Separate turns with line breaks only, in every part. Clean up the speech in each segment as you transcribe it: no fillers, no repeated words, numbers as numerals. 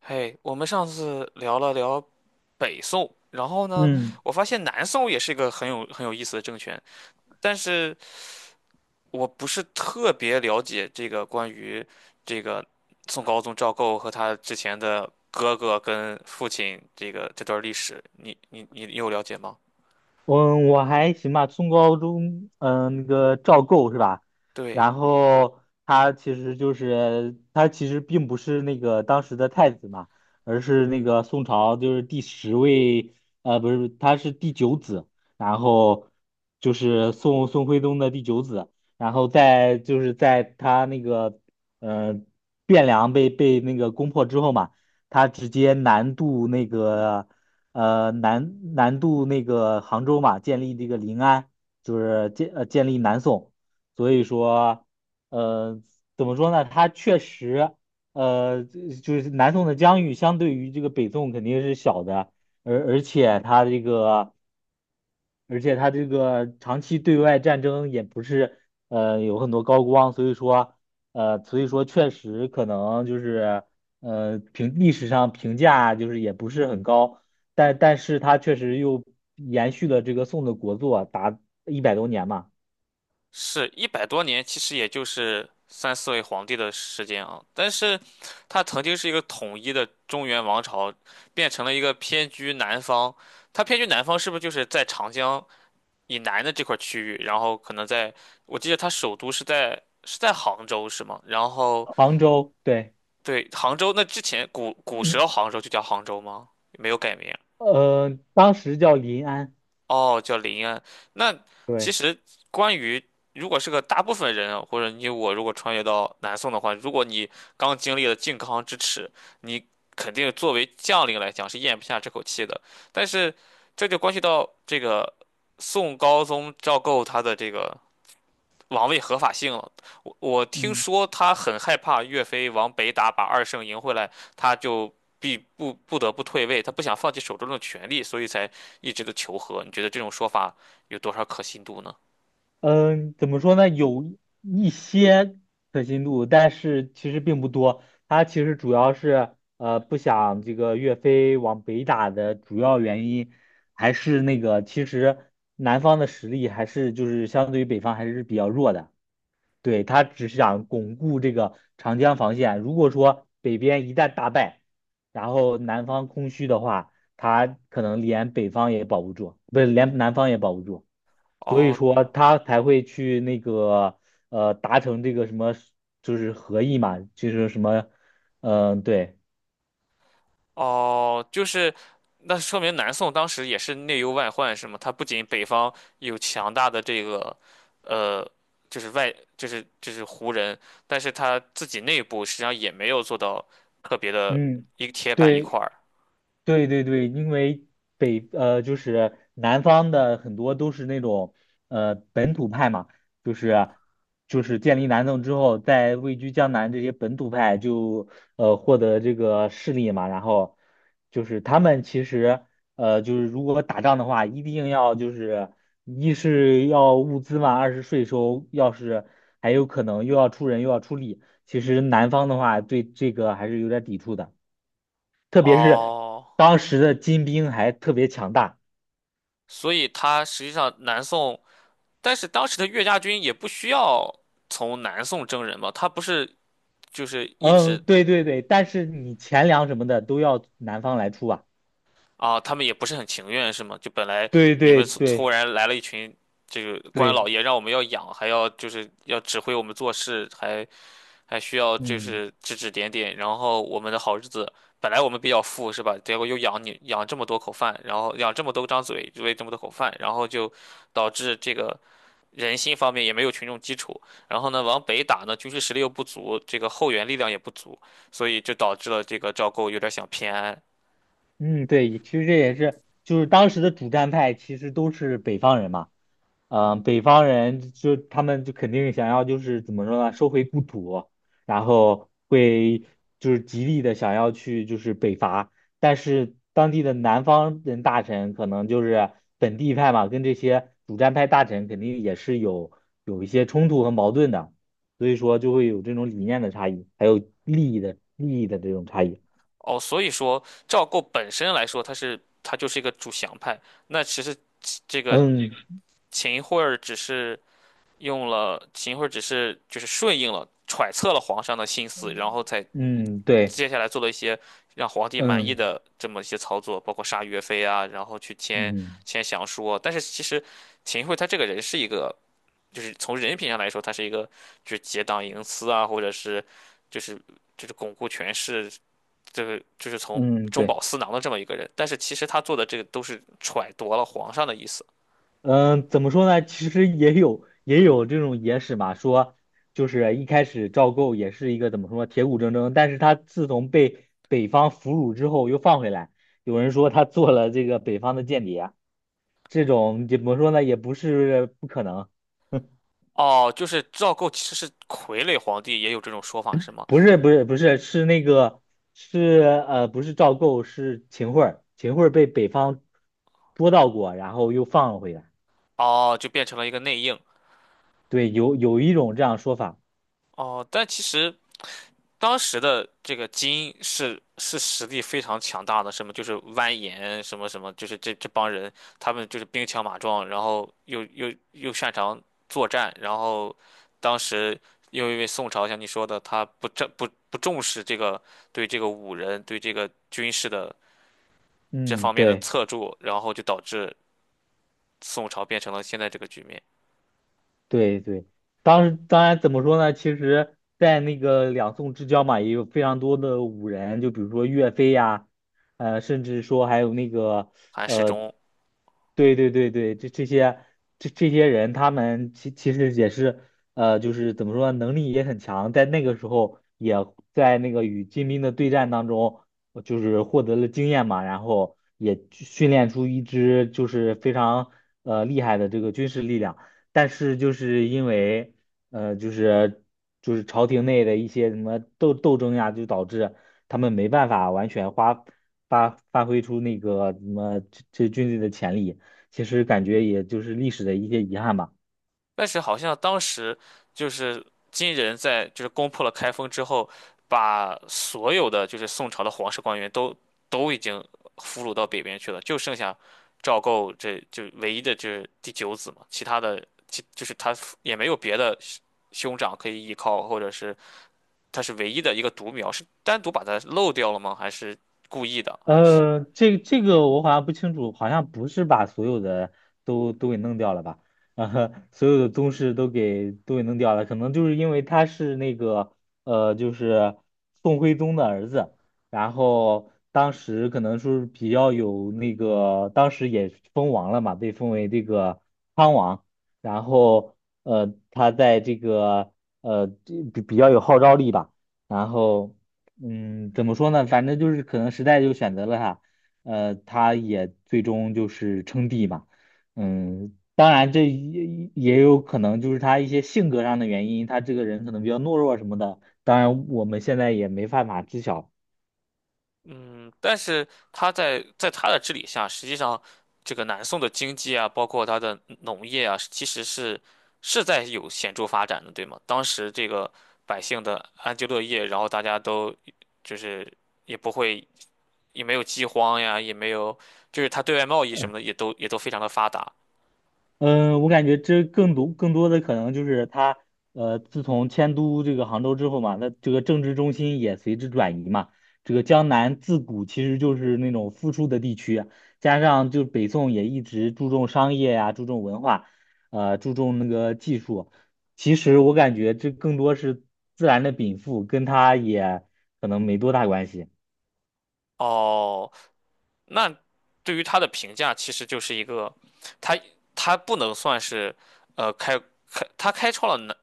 嘿，我们上次聊了聊北宋，然后呢，
嗯，
我发现南宋也是一个很有意思的政权，但是我不是特别了解这个关于这个宋高宗赵构和他之前的哥哥跟父亲这个这段历史，你有了解吗？
我还行吧，初高中，那个赵构是吧？
对，
然后他其实并不是那个当时的太子嘛，而是那个宋朝就是第十位，不是，他是第九子，然后就是宋徽宗的第九子，然后在就是在他那个呃汴梁被那个攻破之后嘛，他直接南渡那个。南渡那个杭州嘛，建立这个临安，就是建立南宋，所以说呃怎么说呢？它确实就是南宋的疆域相对于这个北宋肯定是小的，而而且它这个而且他这个长期对外战争也不是有很多高光，所以说确实可能就是历史上评价就是也不是很高。但是他确实又延续了这个宋的国祚啊，达100多年嘛。
是一百多年，其实也就是三四位皇帝的时间啊。但是，它曾经是一个统一的中原王朝，变成了一个偏居南方。它偏居南方，是不是就是在长江以南的这块区域？然后可能在，我记得它首都是在杭州，是吗？然后
杭州，对，
对，杭州，那之前古时候
嗯。
杭州就叫杭州吗？没有改名。
当时叫临安，
哦，叫林安。那其
对，
实关于如果是个大部分人啊或者你我如果穿越到南宋的话，如果你刚经历了靖康之耻，你肯定作为将领来讲是咽不下这口气的。但是这就关系到这个宋高宗赵构他的这个王位合法性了。我听
嗯。
说他很害怕岳飞往北打，把二圣赢回来，他就不得不退位，他不想放弃手中的权力，所以才一直的求和。你觉得这种说法有多少可信度呢？
嗯、怎么说呢？有一些可信度，但是其实并不多。他其实主要是不想这个岳飞往北打的主要原因，还是那个其实南方的实力还是就是相对于北方还是比较弱的。对，他只是想巩固这个长江防线。如果说北边一旦大败，然后南方空虚的话，他可能连北方也保不住，不是连南方也保不住。所以
哦
说他才会去那个达成这个什么，就是合议嘛，就是什么，嗯、对，
哦，就是那说明南宋当时也是内忧外患，是吗？他不仅北方有强大的这个呃。就是外，就是胡人，但是他自己内部实际上也没有做到特别的
嗯，
一个铁板一块
对。
儿。
对对对，因为就是南方的很多都是那种本土派嘛，就是就是建立南宋之后，在位居江南这些本土派就获得这个势力嘛，然后就是他们其实就是如果打仗的话，一定要就是一是要物资嘛，二是税收，要是还有可能又要出人又要出力。其实南方的话对这个还是有点抵触的，特别是
哦，
当时的金兵还特别强大。
所以他实际上南宋，但是当时的岳家军也不需要从南宋征人吧？他不是就是一
嗯，
直
对对对，但是你钱粮什么的都要南方来出啊。
啊，他们也不是很情愿是吗？就本来
对
你
对
们突
对
然来了一群这个官老
对，
爷，让我们要养，还要就是要指挥我们做事，还需要就
嗯。
是指指点点，然后我们的好日子。本来我们比较富是吧？结果又养你养这么多口饭，然后养这么多张嘴，喂这么多口饭，然后就导致这个人心方面也没有群众基础，然后呢，往北打呢，军事实力又不足，这个后援力量也不足，所以就导致了这个赵构有点想偏安。
嗯，对，其实这也是，就是当时的主战派其实都是北方人嘛，北方人就他们就肯定想要就是怎么说呢，收回故土，然后会就是极力的想要去就是北伐，但是当地的南方人大臣可能就是本地派嘛，跟这些主战派大臣肯定也是有一些冲突和矛盾的，所以说就会有这种理念的差异，还有利益的这种差异。
哦，所以说赵构本身来说，他就是一个主降派，那其实这个
嗯
秦桧儿只是用了秦桧儿只是就是顺应了揣测了皇上的心思，然后才
嗯，对。
接下来做了一些让皇帝满意
嗯
的这么一些操作，包括杀岳飞啊，然后去签
嗯
签降书啊。但是其实秦桧他这个人是一个，就是从人品上来说，他是一个就是结党营私啊，或者是就是就是巩固权势，这个就是从
嗯，
中
对，
饱私囊的这么一个人。但是其实他做的这个都是揣度了皇上的意思。
嗯，怎么说呢？其实也有这种野史嘛，说就是一开始赵构也是一个怎么说铁骨铮铮，但是他自从被北方俘虏之后又放回来，有人说他做了这个北方的间谍，这种怎么说呢？也不是不可能，
哦，就是赵构其实是傀儡皇帝，也有这种说法是吗？
不是不是不是，是不是赵构是秦桧儿，秦桧儿被北方捉到过，然后又放了回来，
哦，就变成了一个内应。
对，有一种这样说法。
哦，但其实，当时的这个金是实力非常强大的，什么就是蜿蜒什么什么，就是这帮人，他们就是兵强马壮，然后又擅长作战，然后当时又因为宋朝像你说的，他不重视这个对这个武人对这个军事的这
嗯，
方面的
对
侧重，然后就导致宋朝变成了现在这个局面。
对对，当时当然怎么说呢？其实，在那个两宋之交嘛，也有非常多的武人，就比如说岳飞呀，甚至说还有那个，
韩世
呃，
忠。
对对对对，这些人，他们其实也是，就是怎么说呢，能力也很强，在那个时候也在那个与金兵的对战当中，就是获得了经验嘛，然后也训练出一支就是非常厉害的这个军事力量。但是就是因为呃，就是就是朝廷内的一些什么斗争呀，就导致他们没办法完全发挥出那个什么这军队的潜力。其实感觉也就是历史的一些遗憾吧。
但是好像当时就是金人在就是攻破了开封之后，把所有的就是宋朝的皇室官员都已经俘虏到北边去了，就剩下赵构这就唯一的这第九子嘛，其他的就是他也没有别的兄长可以依靠，或者是他是唯一的一个独苗，是单独把他漏掉了吗？还是故意的？还是？
这个我好像不清楚，好像不是把所有的都给弄掉了吧？呃，所有的宗室都给弄掉了，可能就是因为他是那个就是宋徽宗的儿子，然后当时可能说是比较有那个，当时也封王了嘛，被封为这个康王，然后他在这个呃这比比较有号召力吧，然后。嗯，怎么说呢？反正就是可能时代就选择了他，他也最终就是称帝嘛。嗯，当然这也有可能就是他一些性格上的原因，他这个人可能比较懦弱什么的。当然，我们现在也没办法知晓。
嗯，但是他在他的治理下，实际上这个南宋的经济啊，包括它的农业啊，其实是在有显著发展的，对吗？当时这个百姓的安居乐业，然后大家都就是也不会也没有饥荒呀，也没有就是他对外贸易什么的也都非常的发达。
嗯，我感觉这更多的可能就是他，自从迁都这个杭州之后嘛，那这个政治中心也随之转移嘛。这个江南自古其实就是那种富庶的地区啊，加上就北宋也一直注重商业呀、注重文化，注重那个技术。其实我感觉这更多是自然的禀赋，跟他也可能没多大关系。
哦，那对于他的评价，其实就是一个，他他不能算是，呃，开他开创了南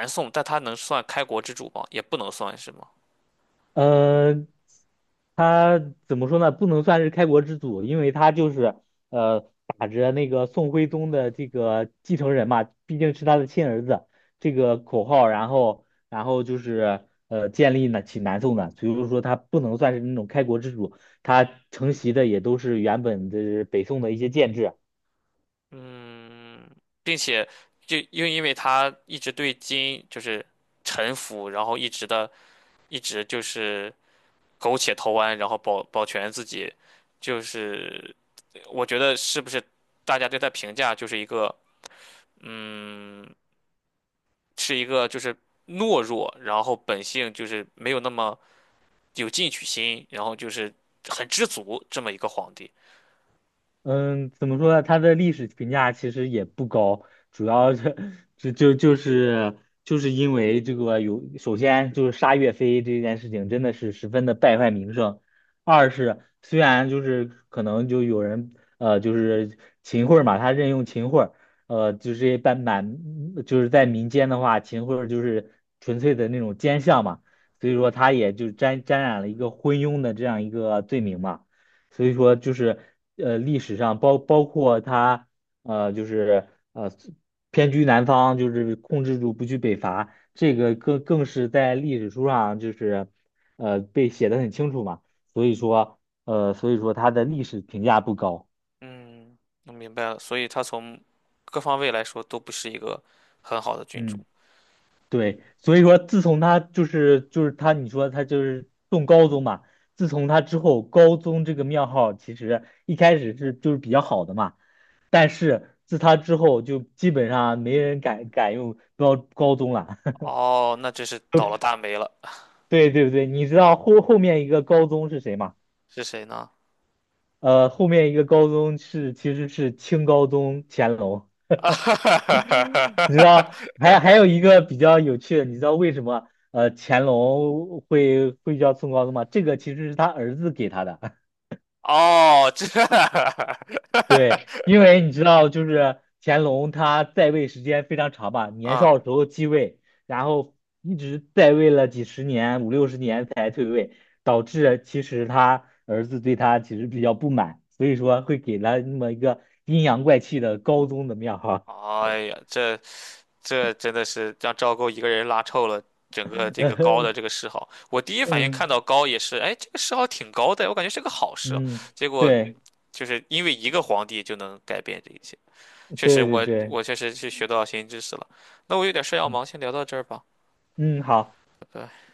南宋，但他能算开国之主吗？也不能算是吗？
呃，他怎么说呢？不能算是开国之祖，因为他就是呃打着那个宋徽宗的这个继承人嘛，毕竟是他的亲儿子这个口号，然后就是建立呢起南宋的，所以说他不能算是那种开国之主，他承袭的也都是原本的北宋的一些建制。
嗯，并且就又因为他一直对金就是臣服，然后一直就是苟且偷安，然后保全自己，就是我觉得是不是大家对他评价就是一个嗯。是一个就是懦弱，然后本性就是没有那么有进取心，然后就是很知足这么一个皇帝。
嗯，怎么说呢？他的历史评价其实也不高，主要是 就就就是就是因为这个首先就是杀岳飞这件事情真的是十分的败坏名声，二是虽然就是可能就有人就是秦桧儿嘛，他任用秦桧儿呃就是半满就是在民间的话，秦桧儿就是纯粹的那种奸相嘛，所以说他也就沾染了一个昏庸的这样一个罪名嘛。所以说就是历史上包括他就是呃偏居南方，就是控制住不去北伐，这个更是在历史书上就是被写的很清楚嘛。所以说所以说他的历史评价不高。
嗯，我明白了，所以他从各方位来说都不是一个很好的君主。
嗯。对，所以说自从他就是他，你说他就是中高宗嘛，自从他之后，高宗这个庙号其实一开始是就是比较好的嘛，但是自他之后就基本上没人敢用高宗了。
哦，那真是倒了大霉了，
对对对，你知道后面一个高宗是谁吗？
是谁呢？
后面一个高宗其实是清高宗乾隆。你知道，还有 一个比较有趣的，你知道为什么乾隆会叫宋高宗吗？这个其实是他儿子给他的，
哦，这，
对，因 为你知道，就是乾隆他在位时间非常长吧，年
嗯。
少时候继位，然后一直在位了几十年，五六十年才退位，导致其实他儿子对他其实比较不满，所以说会给他那么一个阴阳怪气的高宗的庙哈，
哎呀，这真的是让赵构一个人拉臭了整个这个高的这个 谥号。我第一反应
嗯
看到高也是，哎，这个谥号挺高的，我感觉是个好事哦。
嗯，
结果
对
就是因为一个皇帝就能改变这一切，确实
对对
我
对。
确实是学到新知识了。那我有点事要
嗯
忙，先聊到这儿吧，
嗯，好。
拜拜。